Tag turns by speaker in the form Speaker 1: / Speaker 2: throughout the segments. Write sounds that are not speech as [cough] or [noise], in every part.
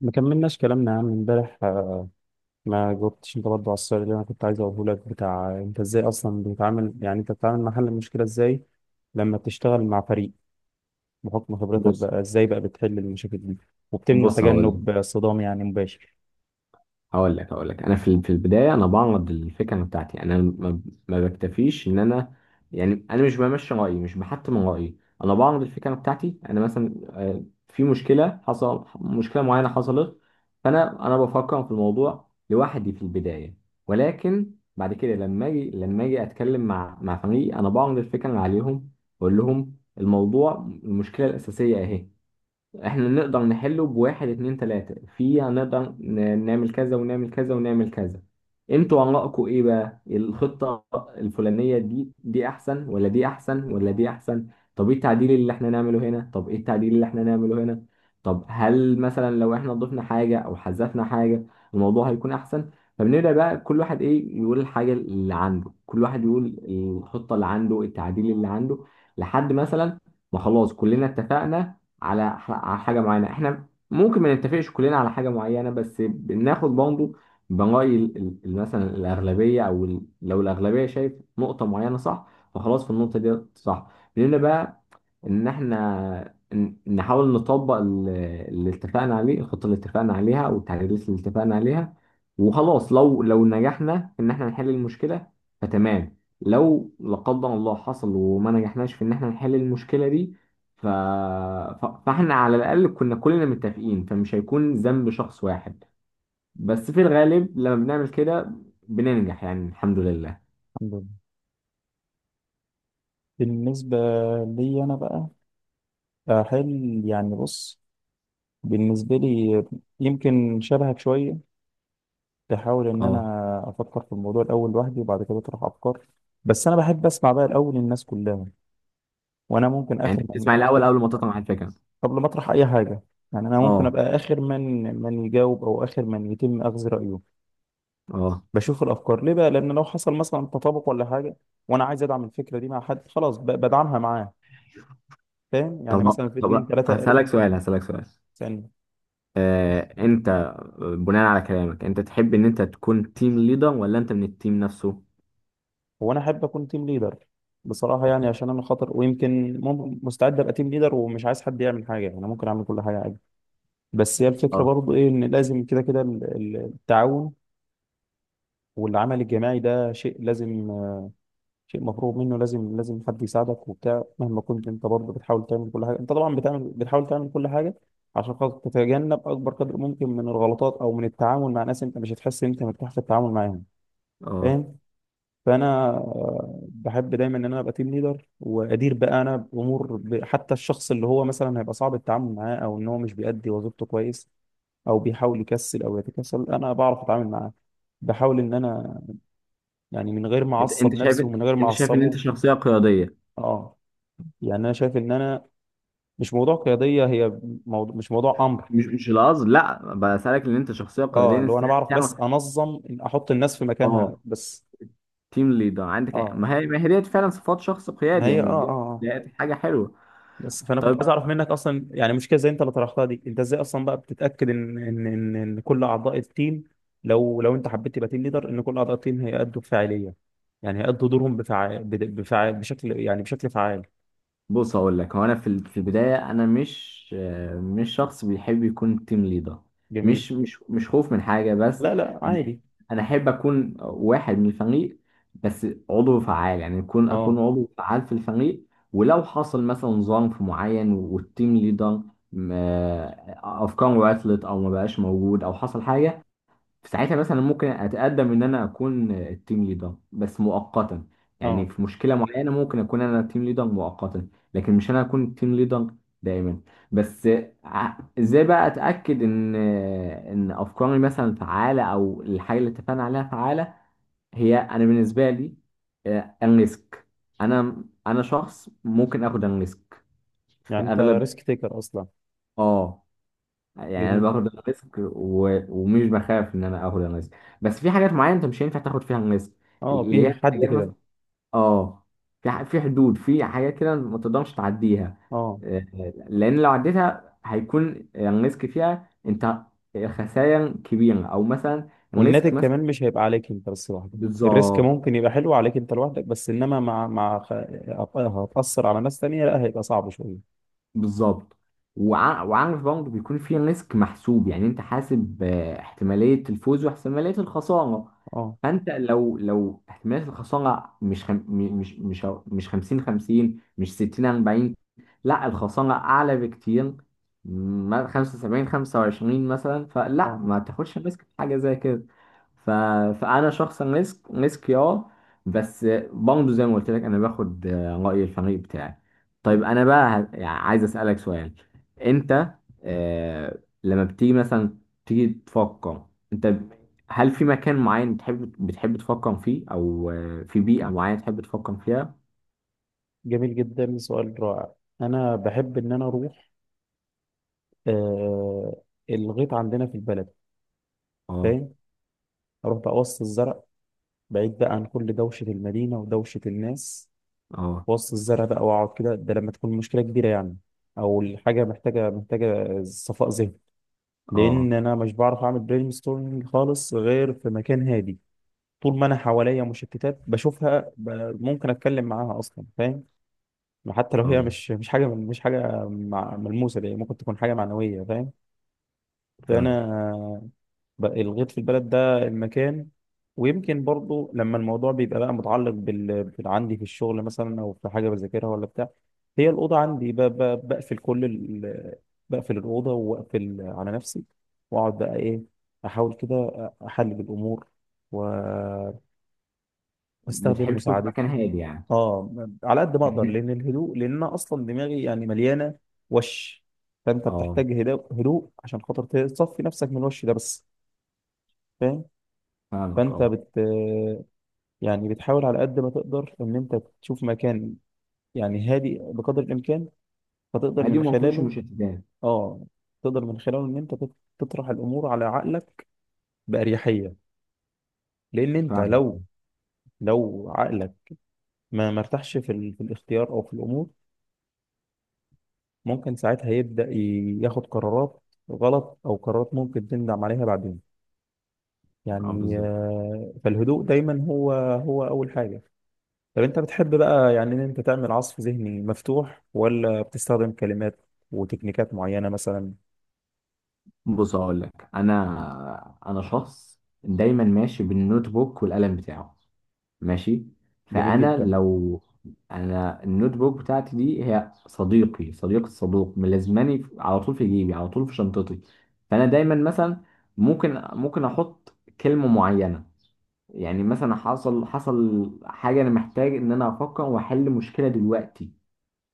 Speaker 1: ما كملناش كلامنا يا عم امبارح. ما جاوبتش انت برضه على السؤال اللي انا كنت عايز اقوله لك بتاع انت ازاي اصلا بتتعامل، يعني انت بتتعامل مع حل المشكله ازاي لما بتشتغل مع فريق، بحكم خبرتك
Speaker 2: بص
Speaker 1: بقى ازاي بقى بتحل المشاكل دي وبتمنع
Speaker 2: بص. هقول
Speaker 1: تجنب صدام يعني مباشر؟
Speaker 2: هقول لك هقول لك انا في البدايه انا بعرض الفكره بتاعتي. انا ما بكتفيش ان انا، يعني انا مش بمشي رايي، مش بحتم رايي. انا بعرض الفكره بتاعتي انا، مثلا في مشكله، مشكله معينه حصلت، فانا بفكر في الموضوع لوحدي في البدايه. ولكن بعد كده لما اجي، اتكلم مع فريقي، انا بعرض الفكره عليهم. بقول لهم الموضوع، المشكله الاساسيه اهي. احنا نقدر نحله بواحد اتنين تلاتة. في هنقدر نعمل كذا ونعمل كذا ونعمل كذا. انتوا آرائكم ايه بقى؟ الخطة الفلانية دي احسن ولا دي احسن ولا دي احسن؟ طب ايه التعديل اللي احنا نعمله هنا؟ طب ايه التعديل اللي احنا نعمله هنا؟ طب هل مثلا لو احنا ضفنا حاجة او حذفنا حاجة الموضوع هيكون احسن؟ فبنبدأ بقى كل واحد ايه يقول الحاجة اللي عنده، كل واحد يقول الخطة اللي عنده، التعديل اللي عنده، لحد مثلا ما خلاص كلنا اتفقنا على على حاجه معينه. احنا ممكن ما نتفقش كلنا على حاجه معينه، بس بناخد برضه بنراي مثلا الاغلبيه، او لو الاغلبيه شايف نقطه معينه صح، فخلاص في النقطه دي صح. بنبدا بقى ان احنا نحاول نطبق اللي اتفقنا عليه، الخطه اللي اتفقنا عليها، او التعديلات اللي اتفقنا عليها. وخلاص، لو نجحنا ان احنا نحل المشكله فتمام. لو لا قدر الله حصل وما نجحناش في ان احنا نحل المشكله دي، ف... فاحنا على الاقل كنا كلنا متفقين، فمش هيكون ذنب شخص واحد. بس في الغالب لما بنعمل كده بننجح، يعني الحمد لله.
Speaker 1: الحمد لله. بالنسبة لي أنا بقى أحل، يعني بص، بالنسبة لي يمكن شبهك شوية، بحاول إن
Speaker 2: اه.
Speaker 1: أنا أفكر في الموضوع الأول لوحدي وبعد كده أطرح أفكار. بس أنا بحب أسمع بقى الأول الناس كلها، وانا ممكن
Speaker 2: يعني
Speaker 1: اخر
Speaker 2: انت
Speaker 1: من
Speaker 2: بتسمع
Speaker 1: اخر
Speaker 2: الاول قبل ما تطلع مع الفكره؟
Speaker 1: قبل ما اطرح اي حاجه. يعني انا ممكن
Speaker 2: اه.
Speaker 1: ابقى اخر من يجاوب او اخر من يتم اخذ رايه.
Speaker 2: اه.
Speaker 1: بشوف الافكار ليه بقى لان لو حصل مثلا تطابق ولا حاجه وانا عايز ادعم الفكره دي مع حد، خلاص بدعمها معاه. فاهم؟ يعني
Speaker 2: طب
Speaker 1: مثلا في اتنين
Speaker 2: طب
Speaker 1: تلاته قالوا،
Speaker 2: هسألك سؤال.
Speaker 1: ثانيه.
Speaker 2: انت بناء على كلامك انت تحب ان انت تكون تيم ليدر ولا انت من التيم نفسه؟
Speaker 1: هو انا احب اكون تيم ليدر بصراحه، يعني عشان انا خاطر ويمكن مستعد ابقى تيم ليدر ومش عايز حد يعمل حاجه، يعني انا ممكن اعمل كل حاجه عادي. بس هي الفكره
Speaker 2: اه.
Speaker 1: برضو ايه، ان لازم كده كده التعاون والعمل الجماعي، ده شيء لازم، شيء مفروغ منه، لازم لازم حد يساعدك وبتاع، مهما كنت انت برضه بتحاول تعمل كل حاجه، انت طبعا بتعمل بتحاول تعمل كل حاجه عشان خاطر تتجنب اكبر قدر ممكن من الغلطات او من التعامل مع ناس انت مش هتحس ان انت مرتاح في التعامل معاهم.
Speaker 2: اه.
Speaker 1: فاهم؟ فانا بحب دايما ان انا ابقى تيم ليدر وادير بقى انا بامور، حتى الشخص اللي هو مثلا هيبقى صعب التعامل معاه او ان هو مش بيأدي وظيفته كويس او بيحاول يكسل او يتكسل، انا بعرف اتعامل معاه. بحاول ان انا يعني من غير ما
Speaker 2: انت
Speaker 1: اعصب
Speaker 2: انت
Speaker 1: نفسي
Speaker 2: شايف
Speaker 1: ومن غير ما
Speaker 2: انت شايف ان انت
Speaker 1: اعصبه.
Speaker 2: شخصيه قياديه.
Speaker 1: اه، يعني انا شايف ان انا، مش موضوع قياديه هي، موضوع مش موضوع امر.
Speaker 2: مش القصد، لا، بسألك ان انت شخصيه
Speaker 1: اه،
Speaker 2: قياديه
Speaker 1: اللي
Speaker 2: انت
Speaker 1: هو انا بعرف بس
Speaker 2: تعمل.
Speaker 1: انظم إن احط الناس في مكانها
Speaker 2: اه.
Speaker 1: بس.
Speaker 2: تيم ليدر عندك يعني،
Speaker 1: اه،
Speaker 2: ما هي ديت فعلا صفات شخص
Speaker 1: ما
Speaker 2: قيادي،
Speaker 1: هي اه
Speaker 2: يعني
Speaker 1: اه.
Speaker 2: ديت ديت حاجه حلوه.
Speaker 1: بس فانا كنت
Speaker 2: طيب،
Speaker 1: عايز اعرف منك اصلا، يعني مشكله زي انت اللي طرحتها دي، انت ازاي اصلا بقى بتتاكد ان إن كل اعضاء التيم، لو لو انت حبيت تبقى تيم ليدر، ان كل اعضاء التيم هيأدوا بفاعليه؟ يعني هيأدوا دورهم بفعال بشكل، يعني بشكل فعال.
Speaker 2: بص اقول لك، هو انا في في البدايه انا مش، مش شخص بيحب يكون تيم ليدر.
Speaker 1: جميل.
Speaker 2: مش خوف من حاجه، بس
Speaker 1: لا لا،
Speaker 2: انا
Speaker 1: عادي.
Speaker 2: انا احب اكون واحد من الفريق، بس عضو فعال، يعني يكون اكون
Speaker 1: اه
Speaker 2: عضو فعال في الفريق. ولو حصل مثلا ظرف معين والتيم ليدر افكاره عطلت او ما بقاش موجود او حصل حاجه، في ساعتها مثلا ممكن اتقدم ان انا اكون التيم ليدر بس مؤقتا. يعني
Speaker 1: اه.
Speaker 2: في مشكله معينه ممكن اكون انا التيم ليدر مؤقتا، لكن مش انا اكون التيم ليدر دائما. بس ازاي بقى اتاكد ان افكاري مثلا فعاله، او الحاجه اللي اتفقنا عليها فعاله؟ هي انا بالنسبه لي، الريسك، انا شخص ممكن اخد الريسك في
Speaker 1: يعني انت
Speaker 2: اغلب.
Speaker 1: ريسك تيكر اصلا.
Speaker 2: اه. يعني انا
Speaker 1: جميل.
Speaker 2: باخد الريسك، ومش بخاف ان انا اخد الريسك. بس في حاجات معينه انت مش هينفع تاخد فيها الريسك،
Speaker 1: اه،
Speaker 2: اللي
Speaker 1: في
Speaker 2: هي
Speaker 1: حد
Speaker 2: حاجات
Speaker 1: كده.
Speaker 2: مثلا. اه. في في حدود، في حاجات كده ما تقدرش تعديها،
Speaker 1: اه،
Speaker 2: آه، لان لو عديتها هيكون الريسك فيها انت خسائر كبيره، او مثلا
Speaker 1: والناتج
Speaker 2: الريسك مثلا.
Speaker 1: كمان مش هيبقى عليك انت بس لوحدك، الريسك
Speaker 2: بالظبط.
Speaker 1: ممكن يبقى حلو عليك انت لوحدك، بس انما مع هتأثر على ناس تانية، لا هيبقى صعب شوية.
Speaker 2: بالظبط. وعارف برضه بيكون في ريسك محسوب، يعني انت حاسب احتمالية الفوز واحتمالية الخسارة.
Speaker 1: اه
Speaker 2: فانت لو احتمالية الخسارة مش مش 50 50، مش 60 40، لا، الخسارة اعلى بكتير، 75 25 مثلا، فلا
Speaker 1: اه.
Speaker 2: ما تاخدش ريسك في حاجة زي كده. ف... فانا شخصا ريسك، اه. بس برضه زي ما قلت لك انا باخد رأي الفريق بتاعي. طيب انا بقى يعني عايز اسالك سؤال. انت، لما بتيجي مثلا تيجي تفكر، انت هل في مكان معين تحب بتحب تفكر فيه، او في بيئه معينه تحب تفكر فيها؟
Speaker 1: جميل جدا، سؤال رائع. انا بحب ان انا اروح آه الغيط عندنا في البلد.
Speaker 2: اه.
Speaker 1: فاهم؟ اروح بقى وسط الزرع، بعيد بقى عن كل دوشة المدينة ودوشة الناس،
Speaker 2: اه.
Speaker 1: وسط الزرع بقى واقعد كده. ده لما تكون مشكلة كبيرة يعني، او الحاجة محتاجة محتاجة صفاء ذهني، لان
Speaker 2: اه.
Speaker 1: انا مش بعرف اعمل برين ستورمنج خالص غير في مكان هادي. طول ما انا حواليا مشتتات بشوفها، ممكن اتكلم معاها اصلا. فاهم؟ حتى لو هي
Speaker 2: اه.
Speaker 1: مش حاجه، مش حاجه ملموسه، دي ممكن تكون حاجه معنويه. فاهم؟
Speaker 2: فاهم.
Speaker 1: فانا بقى الغيط في البلد ده المكان. ويمكن برضو لما الموضوع بيبقى بقى متعلق عندي في الشغل مثلا او في حاجه بذاكرها ولا بتاع، هي الاوضه عندي، بقفل الاوضه واقفل على نفسي واقعد بقى ايه، احاول كده احلل الامور و- واستخدم
Speaker 2: بتحب تكون في
Speaker 1: مساعدات
Speaker 2: مكان هادي يعني.
Speaker 1: اه، على قد
Speaker 2: [laughs]
Speaker 1: ما اقدر،
Speaker 2: مكان-
Speaker 1: لان الهدوء، لان انا اصلا دماغي يعني مليانه وش، فانت
Speaker 2: اه.
Speaker 1: بتحتاج هدوء، هدوء عشان خاطر تصفي نفسك من الوش ده بس. فاهم؟
Speaker 2: فاهمك،
Speaker 1: فانت
Speaker 2: اه.
Speaker 1: يعني بتحاول على قد ما تقدر ان انت تشوف مكان، يعني هادي بقدر الامكان، فتقدر
Speaker 2: هادي
Speaker 1: من
Speaker 2: وما فيهوش
Speaker 1: خلاله
Speaker 2: مشتتات.
Speaker 1: اه تقدر من خلاله ان انت تطرح الامور على عقلك باريحيه، لان انت
Speaker 2: فاهم.
Speaker 1: لو عقلك ما مرتاحش في الاختيار او في الامور، ممكن ساعتها يبدا ياخد قرارات غلط او قرارات ممكن تندم عليها بعدين.
Speaker 2: اه،
Speaker 1: يعني
Speaker 2: بالظبط.
Speaker 1: فالهدوء دايما هو اول حاجه. طب انت بتحب بقى يعني ان انت تعمل عصف ذهني مفتوح، ولا بتستخدم كلمات وتكنيكات معينة مثلا؟
Speaker 2: بص هقول لك، انا شخص دايما ماشي بالنوت بوك والقلم بتاعه، ماشي.
Speaker 1: جميل
Speaker 2: فانا
Speaker 1: جدا.
Speaker 2: لو، انا النوت بوك بتاعتي دي هي صديقي، صديق الصدوق، ملازماني على طول في جيبي، على طول في شنطتي. فانا دايما مثلا ممكن، احط كلمه معينه. يعني مثلا حصل، حاجه انا محتاج ان انا افكر واحل مشكله دلوقتي.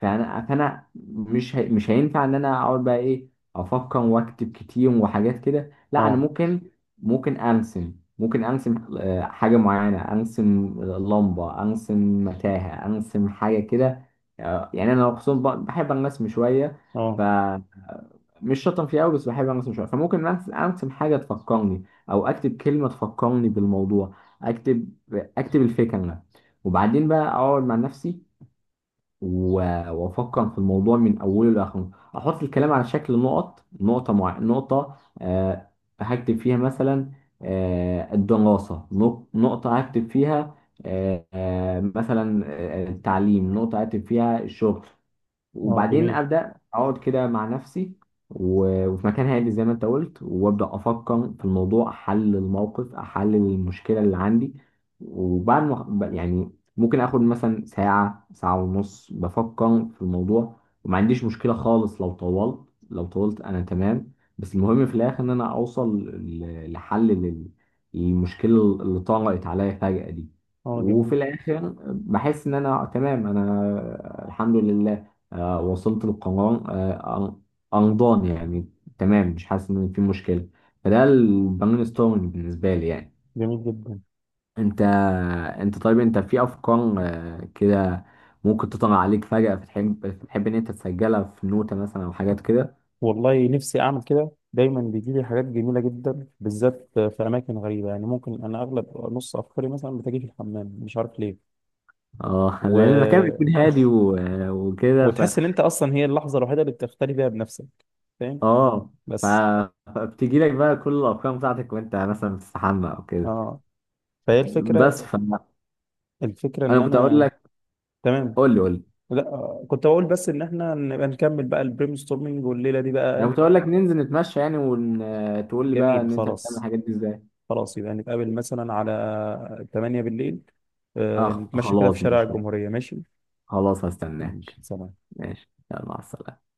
Speaker 2: فانا مش مش هينفع ان انا اقعد بقى ايه، افكر واكتب كتير وحاجات كده، لا. انا
Speaker 1: اه
Speaker 2: ممكن، ارسم، حاجه معينه ارسم. لمبه، ارسم متاهه، ارسم حاجه كده. يعني انا خصوصا بحب الرسم شويه،
Speaker 1: اه
Speaker 2: فمش شاطر فيه قوي، بس بحب الرسم شويه، فممكن أرسم حاجه تفكرني، او اكتب كلمه تفكرني بالموضوع. اكتب، الفكره. وبعدين بقى اقعد مع نفسي وافكر في الموضوع من اوله لاخره. احط الكلام على شكل نقط، نقطه مع نقطه. آه هكتب فيها مثلا الدراسه، نقطه هكتب فيها مثلا التعليم، نقطه هكتب فيها الشغل.
Speaker 1: اه.
Speaker 2: وبعدين
Speaker 1: جميل.
Speaker 2: ابدا اقعد كده مع نفسي، وفي مكان هادي زي ما انت قلت، وابدا افكر في الموضوع، احلل الموقف، احلل المشكله اللي عندي. وبعد ما يعني ممكن اخد مثلا ساعه، ساعه ونص بفكر في الموضوع، وما عنديش مشكله خالص لو طولت. لو طولت انا تمام، بس المهم في الاخر ان انا اوصل لحل للمشكله اللي طرقت عليا فجاه دي.
Speaker 1: اه، جميل.
Speaker 2: وفي الاخر بحس ان انا تمام، انا الحمد لله وصلت للقمران، أنضان يعني. تمام، مش حاسس إن في مشكلة. فده البرين ستورمنج بالنسبة لي يعني.
Speaker 1: جميل جدا.
Speaker 2: أنت أنت طيب، أنت في أفكار كده ممكن تطلع عليك فجأة، فتحب، إن أنت تسجلها في نوتة مثلا أو حاجات كده؟
Speaker 1: والله نفسي اعمل كده، دايما بيجي لي حاجات جميلة جدا بالذات في اماكن غريبة. يعني ممكن انا اغلب نص افكاري مثلا بتجي في الحمام، مش عارف ليه.
Speaker 2: أه. [laughs] لأن المكان
Speaker 1: و...
Speaker 2: بيكون هادي وكده
Speaker 1: وتحس ان انت اصلا هي اللحظة الوحيدة اللي بتختلي فيها بنفسك. فاهم؟
Speaker 2: أه. ف...
Speaker 1: بس.
Speaker 2: فبتجي لك بقى كل الأفكار بتاعتك وأنت مثلا بتستحمى أو كده.
Speaker 1: اه، فهي الفكرة
Speaker 2: بس فأنا
Speaker 1: الفكرة ان
Speaker 2: كنت أقول
Speaker 1: انا
Speaker 2: لك.
Speaker 1: تمام.
Speaker 2: قول لي.
Speaker 1: لا، كنت بقول بس ان احنا نبقى نكمل بقى البريم ستورمنج والليله دي
Speaker 2: انا
Speaker 1: بقى.
Speaker 2: كنت اقول لك ننزل نتمشى يعني، وتقول لي بقى
Speaker 1: جميل،
Speaker 2: ان انت بتعمل
Speaker 1: خلاص.
Speaker 2: الحاجات دي ازاي.
Speaker 1: خلاص يبقى نتقابل مثلا على 8 بالليل،
Speaker 2: اه
Speaker 1: نتمشى كده في
Speaker 2: خلاص
Speaker 1: شارع
Speaker 2: ماشي.
Speaker 1: الجمهوريه. ماشي؟
Speaker 2: خلاص
Speaker 1: ماشي،
Speaker 2: هستناك.
Speaker 1: سلام.
Speaker 2: ماشي، يلا مع السلامة.